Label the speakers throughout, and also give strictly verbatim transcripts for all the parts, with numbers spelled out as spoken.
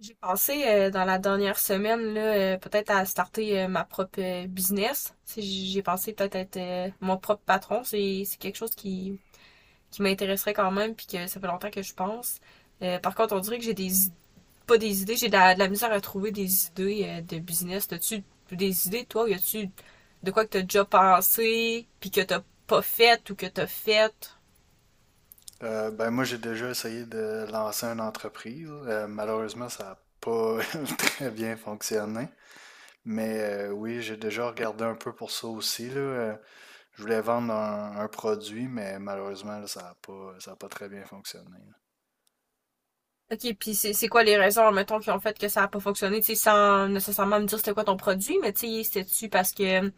Speaker 1: J'ai pensé euh, dans la dernière semaine là, euh, peut-être à starter euh, ma propre euh, business. Tu sais, j'ai pensé peut-être être, euh, mon propre patron. C'est c'est quelque chose qui, qui m'intéresserait quand même, puis que ça fait longtemps que je pense. Euh, par contre, on dirait que j'ai des id- pas des idées, j'ai de la, de la misère à trouver des idées euh, de business. T'as-tu des idées, toi, ou y a-tu de quoi que t'as déjà pensé, puis que t'as pas fait ou que t'as fait?
Speaker 2: Euh, ben moi, j'ai déjà essayé de lancer une entreprise. Euh, malheureusement, ça n'a pas très bien fonctionné. Mais euh, oui, j'ai déjà regardé un peu pour ça aussi, là. Euh, Je voulais vendre un, un produit, mais malheureusement, là, ça n'a pas, ça a pas très bien fonctionné. Là.
Speaker 1: OK, puis c'est c'est quoi les raisons, mettons, qui ont fait que ça a pas fonctionné, tu sais, sans nécessairement me dire c'était quoi ton produit, mais tu sais, c'était-tu parce que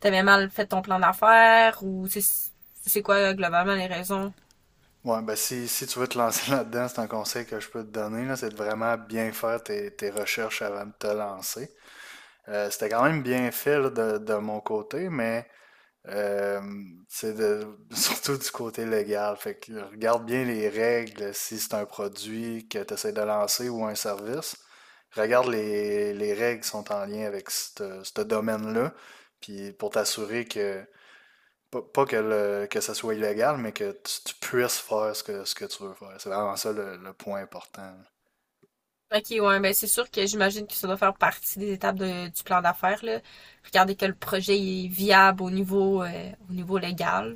Speaker 1: t'avais mal fait ton plan d'affaires ou tu sais, c'est quoi euh, globalement les raisons?
Speaker 2: Ouais, ben si, si tu veux te lancer là-dedans, c'est un conseil que je peux te donner, là, c'est de vraiment bien faire tes, tes recherches avant de te lancer. Euh, c'était quand même bien fait là, de, de mon côté, mais Euh, c'est de- surtout du côté légal. Fait que euh, regarde bien les règles si c'est un produit que tu essaies de lancer ou un service. Regarde les, les règles qui sont en lien avec ce ce domaine-là. Puis pour t'assurer que, pas, pas que, le- que ça soit illégal, mais que tu, tu puisses faire ce que, ce que tu veux faire. C'est vraiment ça le, le point important.
Speaker 1: OK, ouais, ben c'est sûr que j'imagine que ça doit faire partie des étapes de- du plan d'affaires, là. Regarder que le projet est viable au niveau euh, au niveau légal.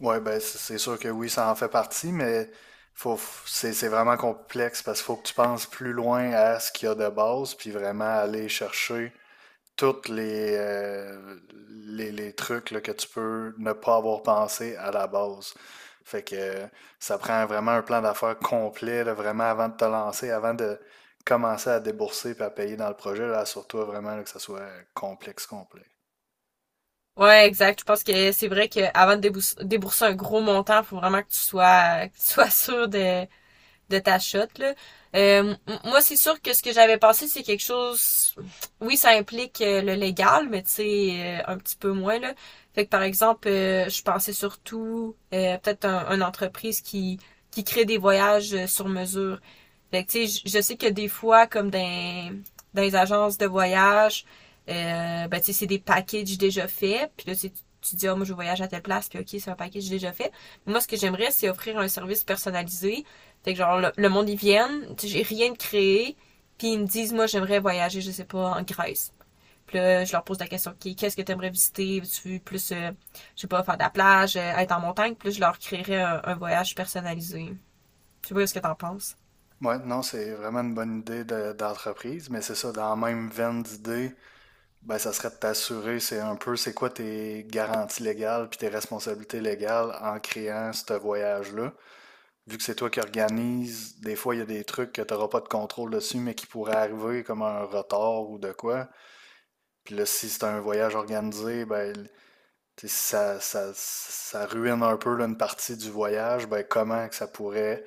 Speaker 2: Ouais, ben c'est c'est sûr que oui, ça en fait partie, mais faut, f- c'est c'est vraiment complexe parce qu'il faut que tu penses plus loin à ce qu'il y a de base, puis vraiment aller chercher toutes les, euh, les, les trucs là, que tu peux ne pas avoir pensé à la base. Fait que euh, ça prend vraiment un plan d'affaires complet, là, vraiment avant de te lancer, avant de commencer à débourser et à payer dans le projet, là, assure-toi vraiment là, que ça soit complexe, complet.
Speaker 1: Ouais, exact. Je pense que c'est vrai que avant de débous- débourser un gros montant, faut vraiment que tu sois que tu sois sûr de de ta shot. Là. Euh, Moi, c'est sûr que ce que j'avais pensé, c'est quelque chose. Oui, ça implique euh, le légal, mais tu sais, euh, un petit peu moins là. Fait que par exemple, euh, je pensais surtout euh, peut-être un, une entreprise qui qui crée des voyages euh, sur mesure. Fait que, tu sais, je, sais que des fois, comme dans, dans les agences de voyage, euh, ben, tu sais, c'est des packages déjà faits. Puis là, tu, tu dis, ah, oh, moi, je voyage à telle place, puis OK, c'est un package déjà fait. Mais moi, ce que j'aimerais, c'est offrir un service personnalisé. Fait que, genre, le, le monde, ils viennent, tu sais, j'ai rien de créé, puis ils me disent, moi, j'aimerais voyager, je sais pas, en Grèce. Puis là, je leur pose la question, OK, qu'est-ce que tu aimerais visiter? Tu veux plus, euh, je sais pas, faire de la plage, euh, être en montagne? Puis là, je leur créerais un, un voyage personnalisé. Je sais pas ce que t'en penses.
Speaker 2: Ouais, non, c'est vraiment une bonne idée de- d'entreprise, mais c'est ça, dans la même veine d'idée, ben, ça serait de t'assurer, c'est un peu, c'est quoi tes garanties légales puis tes responsabilités légales en créant ce voyage-là. Vu que c'est toi qui organises, des fois, il y a des trucs que tu n'auras pas de contrôle dessus, mais qui pourraient arriver comme un retard ou de quoi. Puis là, si c'est un voyage organisé, ben, tu sais, ça, ça, ça ruine un peu là, une partie du voyage, ben, comment que ça pourrait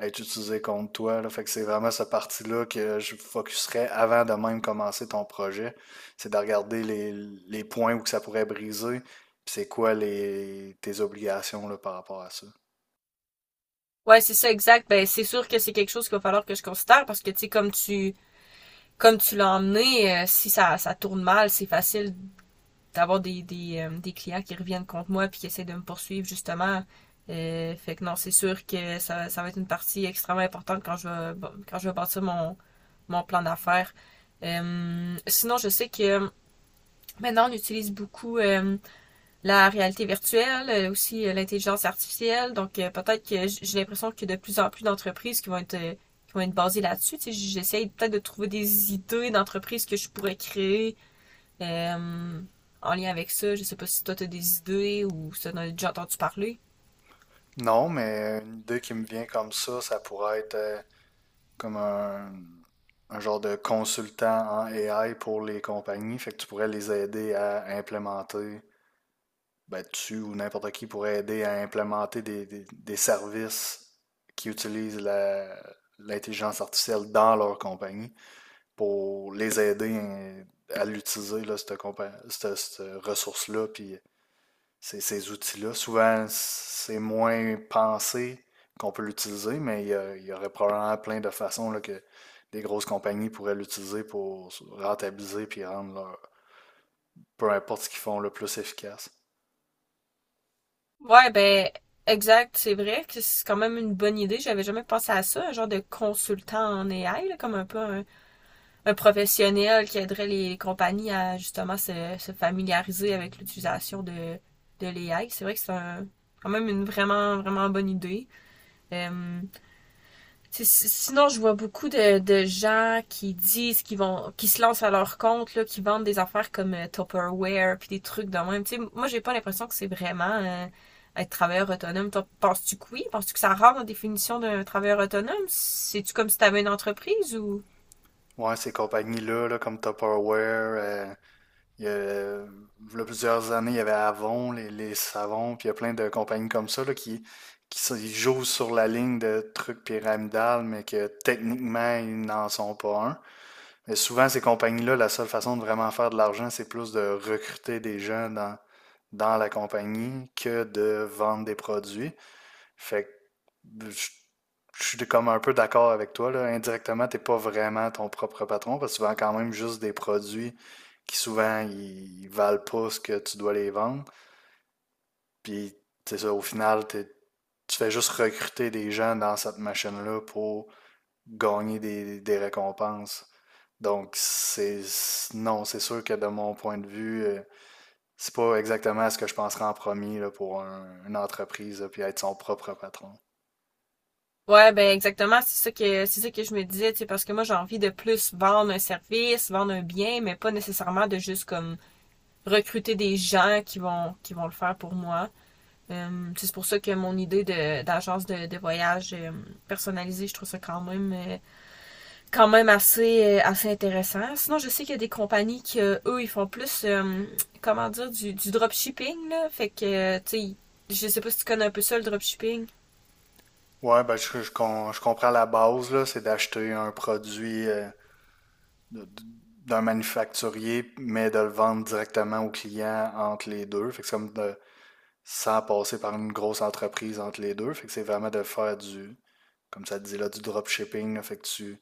Speaker 2: être utilisé contre toi. Là. Fait que c'est vraiment cette partie-là que je focuserais avant de même commencer ton projet. C'est de regarder les, les points où que ça pourrait briser. Puis c'est quoi les, tes obligations là, par rapport à ça.
Speaker 1: Ouais, c'est ça, exact. Ben, c'est sûr que c'est quelque chose qu'il va falloir que je considère parce que, tu sais, comme tu, comme tu l'as emmené, euh, si ça, ça tourne mal, c'est facile d'avoir des, des, euh, des clients qui reviennent contre moi puis qui essaient de me poursuivre, justement. Euh, fait que non, c'est sûr que ça, ça va être une partie extrêmement importante quand je vais, bon, quand je vais bâtir mon, mon plan d'affaires. Euh, sinon, je sais que maintenant, on utilise beaucoup euh, la réalité virtuelle, euh, aussi euh, l'intelligence artificielle. Donc euh, peut-être que j'ai l'impression qu'il y a de plus en plus d'entreprises qui vont être euh, qui vont être basées là-dessus. Tu sais, j'essaie peut-être de trouver des idées d'entreprises que je pourrais créer euh, en lien avec ça. Je sais pas si toi t'as des idées ou si t'en as déjà entendu parler.
Speaker 2: Non, mais une idée qui me vient comme ça, ça pourrait être euh, comme un, un genre de consultant en A I pour les compagnies. Fait que tu pourrais les aider à implémenter ben, tu ou n'importe qui pourrait aider à implémenter des, des, des services qui utilisent la- l'intelligence artificielle dans leur compagnie pour les aider à l'utiliser, là, cette, compa- cette- cette ressource-là, puis ces, ces outils-là. Souvent, c'est moins pensé qu'on peut l'utiliser, mais il y, a- il y aurait probablement plein de façons là, que des grosses compagnies pourraient l'utiliser pour rentabiliser puis rendre leur, peu importe ce qu'ils font, le plus efficace.
Speaker 1: Ouais, ben exact, c'est vrai que c'est quand même une bonne idée. J'avais jamais pensé à ça, un genre de consultant en A I, là, comme un peu un, un professionnel qui aiderait les compagnies à justement se, se familiariser avec l'utilisation de, de l'A I. C'est vrai que c'est un- quand même une vraiment, vraiment bonne idée. Euh, Si, si, sinon, je vois beaucoup de, de gens qui disent qu'ils vont, qui se lancent à leur compte, là, qui vendent des affaires comme euh, Tupperware, puis des trucs de même. Tu sais, moi, j'ai pas l'impression que c'est vraiment euh, être travailleur autonome. Toi, penses-tu que oui? Penses-tu que ça rentre dans la définition d'un travailleur autonome? C'est-tu comme si tu avais une entreprise ou...
Speaker 2: Ouais, ces compagnies-là, là, comme Tupperware, euh, il y a, euh, v'là plusieurs années, il y avait Avon, les, les savons, puis il y a plein de compagnies comme ça là, qui, qui s- ils jouent sur la ligne de trucs pyramidales, mais que techniquement, ils n'en sont pas un. Mais souvent, ces compagnies-là, la seule façon de vraiment faire de l'argent, c'est plus de recruter des gens dans, dans la compagnie que de vendre des produits. Fait que je suis comme un peu d'accord avec toi, là. Indirectement, t'es pas vraiment ton propre patron parce que tu vends quand même juste des produits qui souvent ils valent pas ce que tu dois les vendre. Puis c'est ça, au final, t'es- tu fais juste recruter des gens dans cette machine-là pour gagner des, des récompenses. Donc c'est c'est- non, c'est sûr que de mon point de vue, euh, c'est pas exactement ce que je penserais en premier là, pour un- une entreprise là, puis être son propre patron.
Speaker 1: Ouais, ben exactement, c'est ça que c'est ça que je me disais, tu sais, parce que moi j'ai envie de plus vendre un service, vendre un bien, mais pas nécessairement de juste comme recruter des gens qui vont qui vont le faire pour moi. Euh, c'est pour ça que mon idée de d'agence de, de voyage euh, personnalisée, je trouve ça quand même euh, quand même assez euh, assez intéressant. Sinon, je sais qu'il y a des compagnies qui euh, eux ils font plus euh, comment dire du du dropshipping là, fait que euh, tu sais, je sais pas si tu connais un peu ça le dropshipping.
Speaker 2: Ouais, ben, je, je com- je comprends la base, là, c'est d'acheter un produit euh, de- de- d'un manufacturier, mais de le vendre directement au client entre les deux. Fait que c'est comme de, sans passer par une grosse entreprise entre les deux. Fait que c'est vraiment de faire du, comme ça te dit là, du dropshipping. Là. Fait que tu,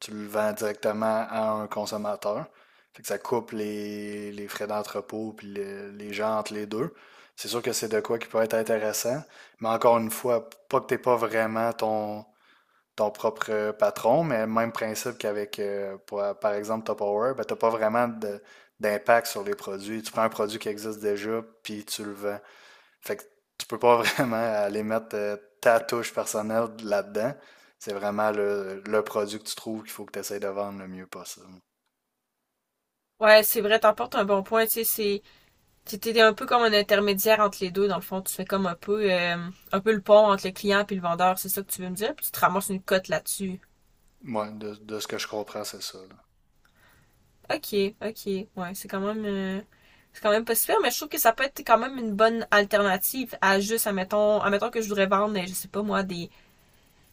Speaker 2: tu le vends directement à un consommateur. Fait que ça coupe les, les frais d'entrepôt puis le- les gens entre les deux. C'est sûr que c'est de quoi qui peut être intéressant, mais encore une fois, pas que t'aies pas vraiment ton ton propre euh, patron, mais même principe qu'avec, euh, pour- par exemple, Tupperware, ben, tu n'as pas vraiment de- d'impact sur les produits. Tu prends un produit qui existe déjà, puis tu le vends. Fait que tu peux pas vraiment aller mettre euh, ta touche personnelle là-dedans. C'est vraiment le, le produit que tu trouves qu'il faut que tu essaies de vendre le mieux possible.
Speaker 1: Ouais, c'est vrai, t'emportes un bon point, tu sais, c'est c'était un peu comme un intermédiaire entre les deux, dans le fond. Tu fais comme un peu, euh, un peu le pont entre le client et le vendeur, c'est ça que tu veux me dire, puis tu te ramasses une cote là-dessus.
Speaker 2: Moi, de, de ce que je comprends, c'est ça. Là.
Speaker 1: OK, OK, ouais, c'est quand même, euh, c'est quand même pas super, mais je trouve que ça peut être quand même une bonne alternative à juste, admettons, admettons que je voudrais vendre, je sais pas moi, des,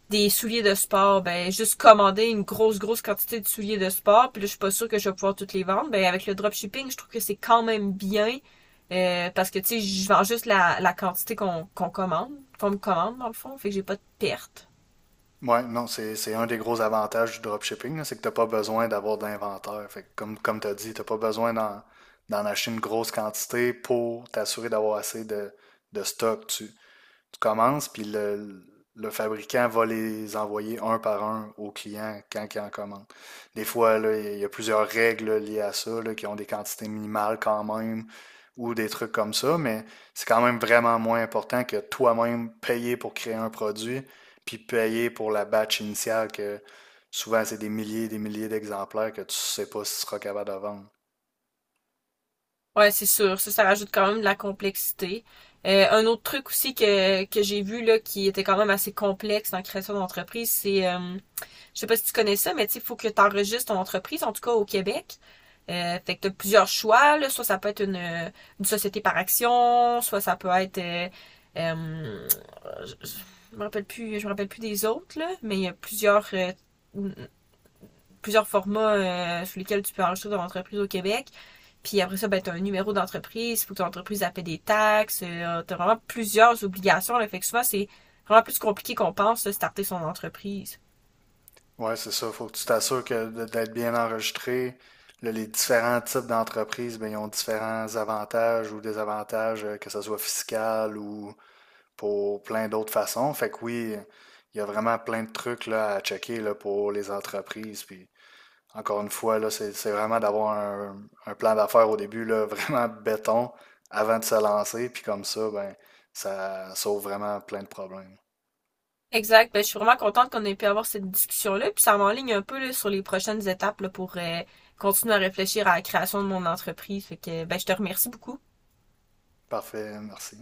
Speaker 1: des souliers de sport, ben juste commander une grosse grosse quantité de souliers de sport, puis là je suis pas sûre que je vais pouvoir toutes les vendre. Ben avec le dropshipping, je trouve que c'est quand même bien euh, parce que tu sais, je vends juste la, la quantité qu'on qu'on commande, qu'on me commande dans le fond, fait que j'ai pas de perte.
Speaker 2: Ouais, non, c'est c'est un des gros avantages du dropshipping, là, c'est que tu n'as pas besoin d'avoir de l'inventaire. Fait que comme, comme tu as dit, tu n'as pas besoin d'en d'en acheter une grosse quantité pour t'assurer d'avoir assez de, de stock. Tu, tu commences, puis le, le fabricant va les envoyer un par un au client quand il en commande. Des fois, là, il y a plusieurs règles liées à ça, là, qui ont des quantités minimales quand même, ou des trucs comme ça, mais c'est quand même vraiment moins important que toi-même payer pour créer un produit, puis payer pour la batch initiale, que souvent c'est des milliers et des milliers d'exemplaires que tu ne sais pas si tu seras capable de vendre.
Speaker 1: Ouais, c'est sûr, ça ça rajoute quand même de la complexité. Euh, un autre truc aussi que, que j'ai vu là qui était quand même assez complexe dans la création d'entreprise, c'est euh, je sais pas si tu connais ça, mais tu il faut que tu enregistres ton entreprise, en tout cas au Québec. Euh, fait que tu as plusieurs choix, là. Soit ça peut être une, une société par action, soit ça peut être euh, euh, je, je me rappelle plus, je me rappelle plus des autres, là, mais il y a plusieurs euh, plusieurs formats euh, sous lesquels tu peux enregistrer ton entreprise au Québec. Puis après ça, ben, tu as un numéro d'entreprise, il faut que ton entreprise paie des taxes, euh, tu as vraiment plusieurs obligations. Là, fait que souvent, c'est vraiment plus compliqué qu'on pense, de starter son entreprise.
Speaker 2: Ouais, c'est ça. Faut que tu t'assures que de- d'être bien enregistré. Là, les différents types d'entreprises, ben, ils ont différents avantages ou désavantages, euh, que ce soit fiscal ou pour plein d'autres façons. Fait que oui, il y a vraiment plein de trucs là, à checker là, pour les entreprises. Puis encore une fois, là, c'est c'est vraiment d'avoir un, un plan d'affaires au début, là, vraiment béton avant de se lancer. Puis comme ça, ben, ça sauve vraiment plein de problèmes.
Speaker 1: Exact. Ben, je suis vraiment contente qu'on ait pu avoir cette discussion-là, puis ça m'enligne un peu là, sur les prochaines étapes là, pour euh, continuer à réfléchir à la création de mon entreprise. Fait que ben, je te remercie beaucoup.
Speaker 2: Parfait, merci.